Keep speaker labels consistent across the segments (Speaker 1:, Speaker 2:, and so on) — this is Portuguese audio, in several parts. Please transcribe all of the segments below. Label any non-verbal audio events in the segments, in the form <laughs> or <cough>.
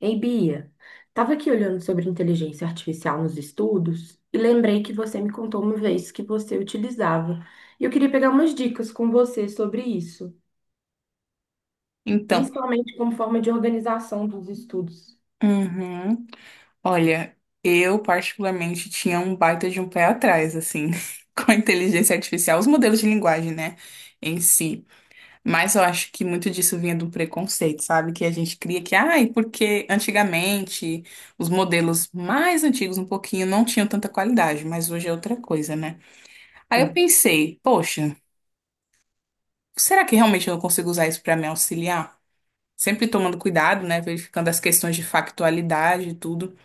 Speaker 1: Ei, Bia, estava aqui olhando sobre inteligência artificial nos estudos e lembrei que você me contou uma vez que você utilizava. E eu queria pegar umas dicas com você sobre isso,
Speaker 2: Então,
Speaker 1: principalmente como forma de organização dos estudos.
Speaker 2: uhum. Olha, eu particularmente tinha um baita de um pé atrás, assim, <laughs> com a inteligência artificial, os modelos de linguagem, né, em si. Mas eu acho que muito disso vinha do preconceito, sabe? Que a gente cria que, ai, porque antigamente os modelos mais antigos um pouquinho não tinham tanta qualidade, mas hoje é outra coisa, né? Aí eu
Speaker 1: Hum.
Speaker 2: pensei, poxa, será que realmente eu não consigo usar isso para me auxiliar? Sempre tomando cuidado, né? Verificando as questões de factualidade e tudo.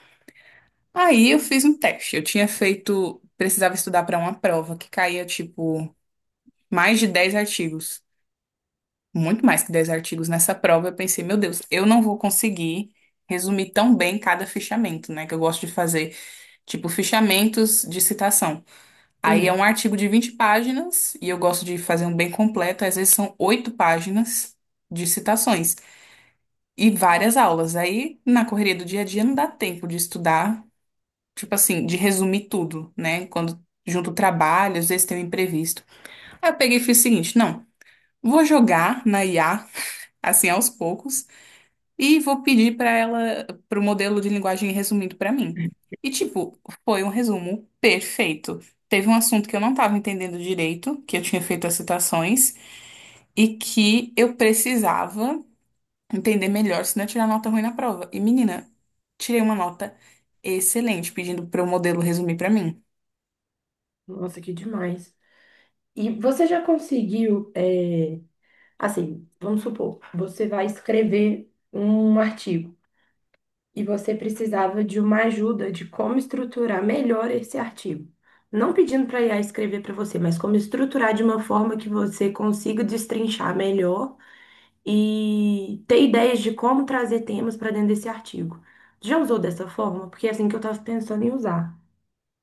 Speaker 2: Aí eu fiz um teste. Eu tinha feito, precisava estudar para uma prova que caía tipo mais de 10 artigos, muito mais que 10 artigos nessa prova. Eu pensei, meu Deus, eu não vou conseguir resumir tão bem cada fichamento, né? Que eu gosto de fazer, tipo, fichamentos de citação. Aí é um
Speaker 1: Sim,
Speaker 2: artigo de 20 páginas e eu gosto de fazer um bem completo, às vezes são 8 páginas de citações e várias aulas. Aí na correria do dia a dia não dá tempo de estudar tipo assim, de resumir tudo, né? Quando junto o trabalho, às vezes tem um imprevisto. Aí eu peguei e fiz o seguinte, não, vou jogar na IA, <laughs> assim, aos poucos, e vou pedir para ela, pro modelo de linguagem resumido para mim. E, tipo, foi um resumo perfeito. Teve um assunto que eu não estava entendendo direito, que eu tinha feito as citações, e que eu precisava entender melhor, senão eu tirar nota ruim na prova. E, menina, tirei uma nota excelente, pedindo para o modelo resumir para mim.
Speaker 1: nossa, que demais. E você já conseguiu, assim, vamos supor, você vai escrever um artigo e você precisava de uma ajuda de como estruturar melhor esse artigo. Não pedindo para a IA escrever para você, mas como estruturar de uma forma que você consiga destrinchar melhor e ter ideias de como trazer temas para dentro desse artigo. Já usou dessa forma? Porque é assim que eu estava pensando em usar.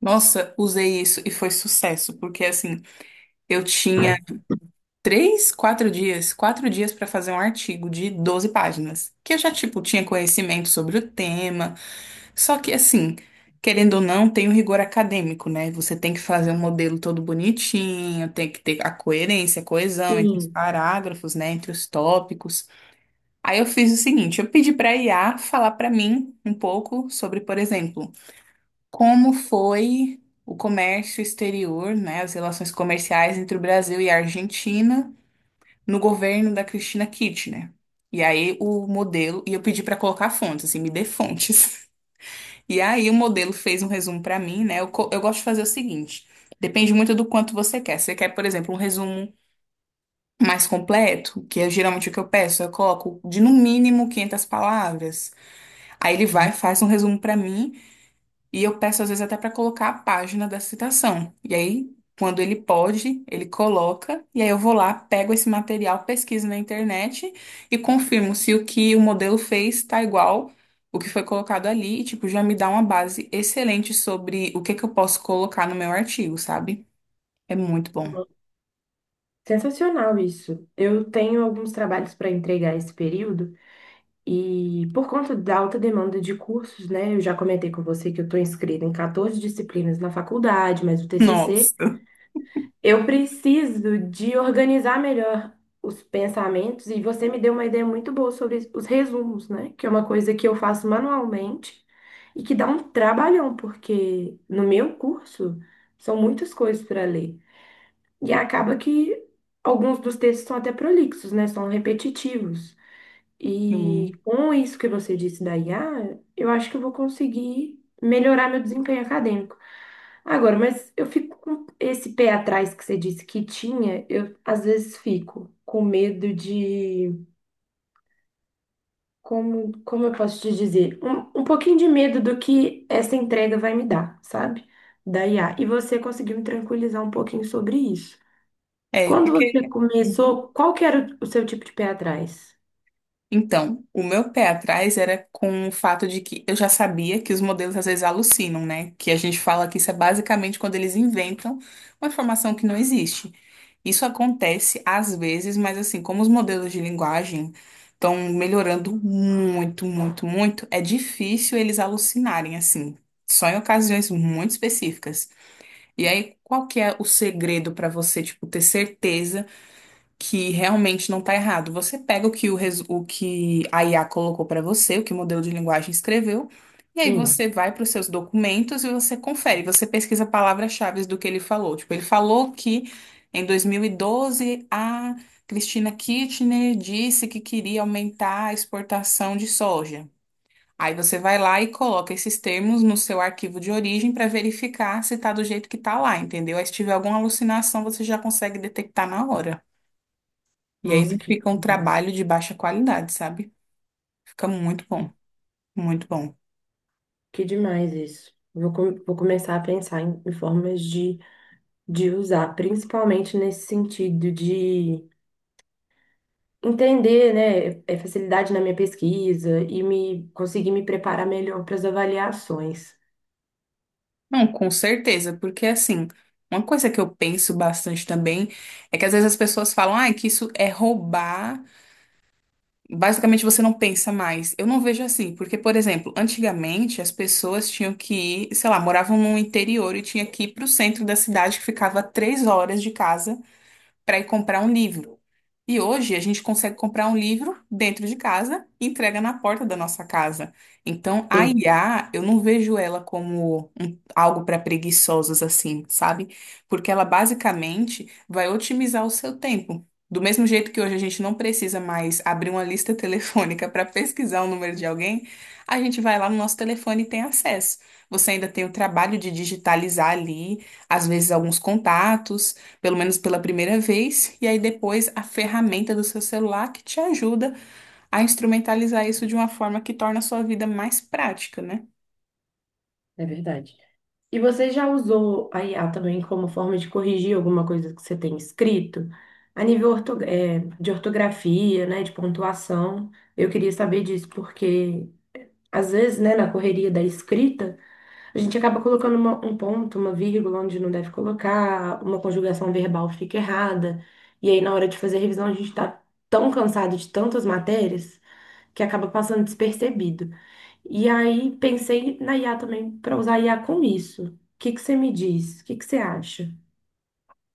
Speaker 2: Nossa, usei isso e foi sucesso, porque assim, eu tinha três, quatro dias para fazer um artigo de 12 páginas, que eu já, tipo, tinha conhecimento sobre o tema, só que assim, querendo ou não, tem o rigor acadêmico, né? Você tem que fazer um modelo todo bonitinho, tem que ter a coerência, a coesão entre os
Speaker 1: Sim.
Speaker 2: parágrafos, né, entre os tópicos. Aí eu fiz o seguinte, eu pedi para a IA falar para mim um pouco sobre, por exemplo, como foi o comércio exterior, né, as relações comerciais entre o Brasil e a Argentina no governo da Cristina Kirchner? E eu pedi para colocar fontes, assim, me dê fontes. <laughs> E aí o modelo fez um resumo para mim, né? Eu gosto de fazer o seguinte, depende muito do quanto você quer. Você quer, por exemplo, um resumo mais completo, que é geralmente o que eu peço, eu coloco de no mínimo 500 palavras. Aí ele vai, faz um resumo para mim. E eu peço às vezes até para colocar a página da citação. E aí, quando ele pode, ele coloca, e aí eu vou lá, pego esse material, pesquiso na internet e confirmo se o que o modelo fez está igual o que foi colocado ali, e tipo, já me dá uma base excelente sobre o que que eu posso colocar no meu artigo, sabe? É muito bom.
Speaker 1: Sensacional isso. Eu tenho alguns trabalhos para entregar esse período. E por conta da alta demanda de cursos, né, eu já comentei com você que eu estou inscrita em 14 disciplinas na faculdade, mas o TCC,
Speaker 2: Nossa.
Speaker 1: eu preciso de organizar melhor os pensamentos, e você me deu uma ideia muito boa sobre os resumos, né, que é uma coisa que eu faço manualmente e que dá um trabalhão, porque no meu curso são muitas coisas para ler e acaba que alguns dos textos são até prolixos, né, são repetitivos. E
Speaker 2: Hum.
Speaker 1: com isso que você disse da IA, eu acho que eu vou conseguir melhorar meu desempenho acadêmico. Agora, mas eu fico com esse pé atrás que você disse que tinha, eu às vezes fico com medo de. Como, como eu posso te dizer? Um pouquinho de medo do que essa entrega vai me dar, sabe? Da IA. E você conseguiu me tranquilizar um pouquinho sobre isso.
Speaker 2: É,
Speaker 1: Quando você
Speaker 2: porque. Uhum.
Speaker 1: começou, qual que era o seu tipo de pé atrás?
Speaker 2: Então, o meu pé atrás era com o fato de que eu já sabia que os modelos às vezes alucinam, né? Que a gente fala que isso é basicamente quando eles inventam uma informação que não existe. Isso acontece às vezes, mas assim, como os modelos de linguagem estão melhorando muito, muito, muito, é difícil eles alucinarem assim, só em ocasiões muito específicas. E aí, qual que é o segredo para você, tipo, ter certeza? Que realmente não tá errado. Você pega o que a IA colocou para você, o que o modelo de linguagem escreveu, e aí
Speaker 1: Sim.
Speaker 2: você vai para os seus documentos e você confere, você pesquisa palavras-chave do que ele falou. Tipo, ele falou que em 2012 a Cristina Kirchner disse que queria aumentar a exportação de soja. Aí você vai lá e coloca esses termos no seu arquivo de origem para verificar se tá do jeito que tá lá, entendeu? Aí se tiver alguma alucinação, você já consegue detectar na hora. E aí
Speaker 1: Nossa,
Speaker 2: não
Speaker 1: que
Speaker 2: fica um
Speaker 1: demais.
Speaker 2: trabalho de baixa qualidade, sabe? Fica muito bom, muito bom.
Speaker 1: Que demais isso. Vou começar a pensar em, em formas de usar, principalmente nesse sentido de entender, né, é facilidade na minha pesquisa e me conseguir me preparar melhor para as avaliações.
Speaker 2: Não, com certeza, porque assim, uma coisa que eu penso bastante também é que às vezes as pessoas falam, ah, que isso é roubar. Basicamente você não pensa mais. Eu não vejo assim, porque, por exemplo, antigamente as pessoas tinham que ir, sei lá, moravam no interior e tinha que ir pro centro da cidade que ficava a 3 horas de casa para ir comprar um livro. E hoje a gente consegue comprar um livro dentro de casa e entrega na porta da nossa casa. Então, a
Speaker 1: Sim,
Speaker 2: IA, eu não vejo ela algo para preguiçosos assim, sabe? Porque ela basicamente vai otimizar o seu tempo. Do mesmo jeito que hoje a gente não precisa mais abrir uma lista <laughs> telefônica para pesquisar o número de alguém, a gente vai lá no nosso telefone e tem acesso. Você ainda tem o trabalho de digitalizar ali, às vezes, alguns contatos pelo menos pela primeira vez, e aí depois a ferramenta do seu celular que te ajuda a instrumentalizar isso de uma forma que torna a sua vida mais prática, né?
Speaker 1: é verdade. E você já usou a IA também como forma de corrigir alguma coisa que você tem escrito? A nível de ortografia, né, de pontuação. Eu queria saber disso, porque às vezes, né, na correria da escrita, a gente acaba colocando um ponto, uma vírgula onde não deve colocar, uma conjugação verbal fica errada. E aí, na hora de fazer a revisão, a gente está tão cansado de tantas matérias que acaba passando despercebido. E aí, pensei na IA também, para usar a IA com isso. O que que você me diz? O que que você acha?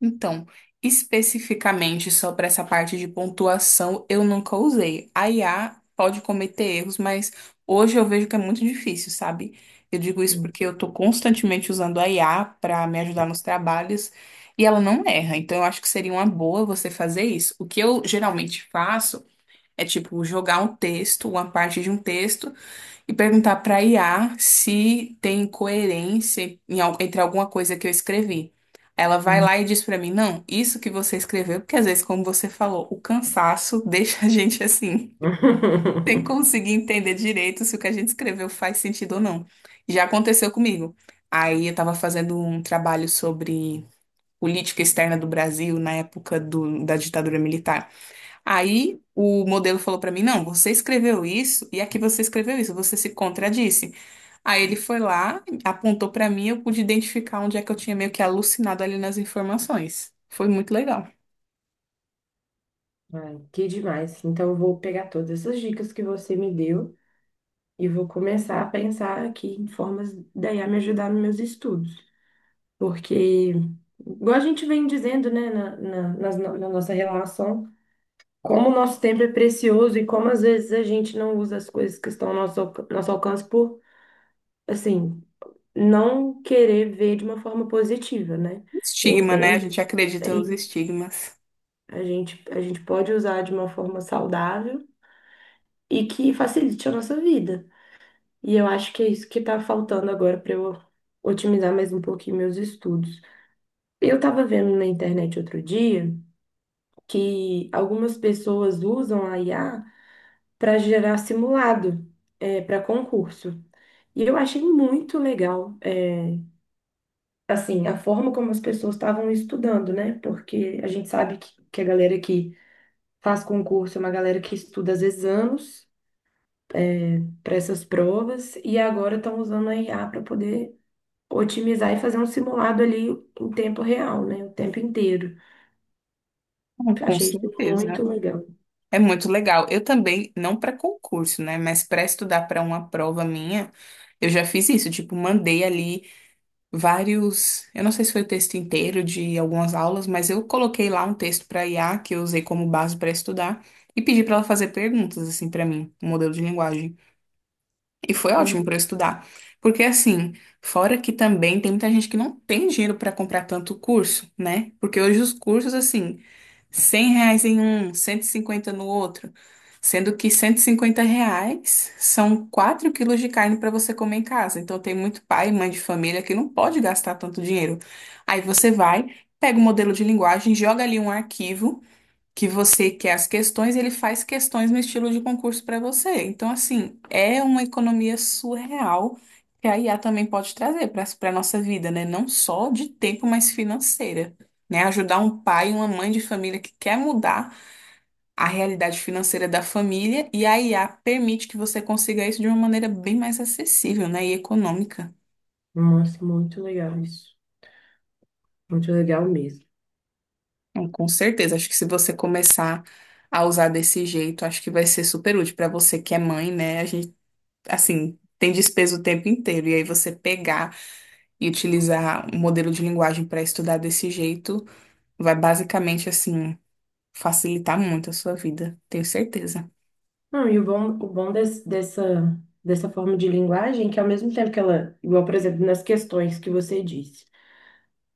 Speaker 2: Então, especificamente só para essa parte de pontuação, eu nunca usei. A IA pode cometer erros, mas hoje eu vejo que é muito difícil, sabe? Eu digo isso
Speaker 1: Hum,
Speaker 2: porque eu estou constantemente usando a IA para me ajudar nos trabalhos e ela não erra. Então, eu acho que seria uma boa você fazer isso. O que eu geralmente faço é tipo jogar um texto, uma parte de um texto, e perguntar para IA se tem coerência entre alguma coisa que eu escrevi. Ela vai
Speaker 1: hum.
Speaker 2: lá e diz para mim, não, isso que você escreveu, porque às vezes, como você falou, o cansaço <laughs> deixa a gente assim, sem
Speaker 1: <laughs>
Speaker 2: conseguir entender direito se o que a gente escreveu faz sentido ou não. Já aconteceu comigo. Aí eu estava fazendo um trabalho sobre política externa do Brasil na época da ditadura militar. Aí o modelo falou pra mim: não, você escreveu isso e aqui você escreveu isso, você se contradisse. Aí ele foi lá, apontou pra mim, eu pude identificar onde é que eu tinha meio que alucinado ali nas informações. Foi muito legal.
Speaker 1: Ai, que demais. Então, eu vou pegar todas essas dicas que você me deu e vou começar a pensar aqui em formas da IA me ajudar nos meus estudos. Porque, igual a gente vem dizendo, né, na, na, nas no- na nossa relação, como o nosso tempo é precioso e como às vezes a gente não usa as coisas que estão ao nosso alcance por, assim, não querer ver de uma forma positiva, né? Eu
Speaker 2: Estigma, né? A
Speaker 1: entendo.
Speaker 2: gente acredita
Speaker 1: E
Speaker 2: nos estigmas.
Speaker 1: a gente pode usar de uma forma saudável e que facilite a nossa vida. E eu acho que é isso que está faltando agora para eu otimizar mais um pouquinho meus estudos. Eu estava vendo na internet outro dia que algumas pessoas usam a IA para gerar simulado para concurso. E eu achei muito assim, a forma como as pessoas estavam estudando, né? Porque a gente sabe que a galera que faz concurso é uma galera que estuda às vezes anos para essas provas, e agora estão usando a IA para poder otimizar e fazer um simulado ali em tempo real, né? O tempo inteiro.
Speaker 2: Com
Speaker 1: Achei isso
Speaker 2: certeza.
Speaker 1: muito legal.
Speaker 2: É muito legal. Eu também, não para concurso, né? Mas para estudar para uma prova minha, eu já fiz isso. Tipo, mandei ali. Vários, eu não sei se foi o texto inteiro de algumas aulas, mas eu coloquei lá um texto para IA que eu usei como base para estudar e pedi para ela fazer perguntas assim para mim, um modelo de linguagem. E foi ótimo para eu estudar, porque assim, fora que também tem muita gente que não tem dinheiro para comprar tanto curso, né? Porque hoje os cursos assim 100 reais em um, 150 no outro. Sendo que 150 reais são 4 quilos de carne para você comer em casa. Então tem muito pai e mãe de família que não pode gastar tanto dinheiro. Aí você vai, pega o modelo de linguagem, joga ali um arquivo que você quer as questões, ele faz questões no estilo de concurso para você. Então, assim, é uma economia surreal que a IA também pode trazer para nossa vida, né? Não só de tempo, mas financeira. Né, ajudar um pai e uma mãe de família que quer mudar a realidade financeira da família e a IA permite que você consiga isso de uma maneira bem mais acessível, né, e econômica.
Speaker 1: Nossa, muito legal isso. Muito legal mesmo.
Speaker 2: Então, com certeza, acho que se você começar a usar desse jeito, acho que vai ser super útil para você que é mãe, né? A gente assim, tem despesa o tempo inteiro. E aí você pegar e utilizar um modelo de linguagem para estudar desse jeito vai basicamente, assim, facilitar muito a sua vida, tenho certeza.
Speaker 1: Não, e o bom dessa forma de linguagem é que ao mesmo tempo que ela, igual, por exemplo, nas questões que você disse,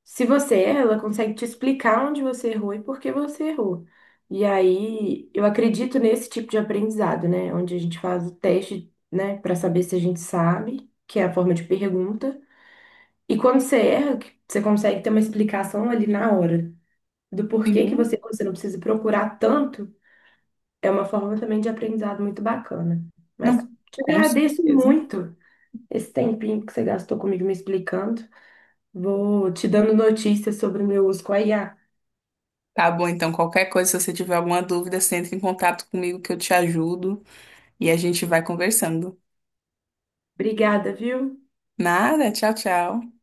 Speaker 1: se você erra, ela consegue te explicar onde você errou e por que você errou. E aí, eu acredito nesse tipo de aprendizado, né? Onde a gente faz o teste, né, para saber se a gente sabe, que é a forma de pergunta. E quando você erra, que você consegue ter uma explicação ali na hora do porquê que
Speaker 2: Sim,
Speaker 1: você errou. Você não precisa procurar tanto. É uma forma também de aprendizado muito bacana. Mas
Speaker 2: não,
Speaker 1: te
Speaker 2: com
Speaker 1: agradeço
Speaker 2: certeza.
Speaker 1: muito esse tempinho que você gastou comigo me explicando. Vou te dando notícias sobre o meu uso com a IA.
Speaker 2: Tá bom, então qualquer coisa, se você tiver alguma dúvida, você entra em contato comigo que eu te ajudo e a gente vai conversando.
Speaker 1: Obrigada, viu?
Speaker 2: Nada, tchau, tchau.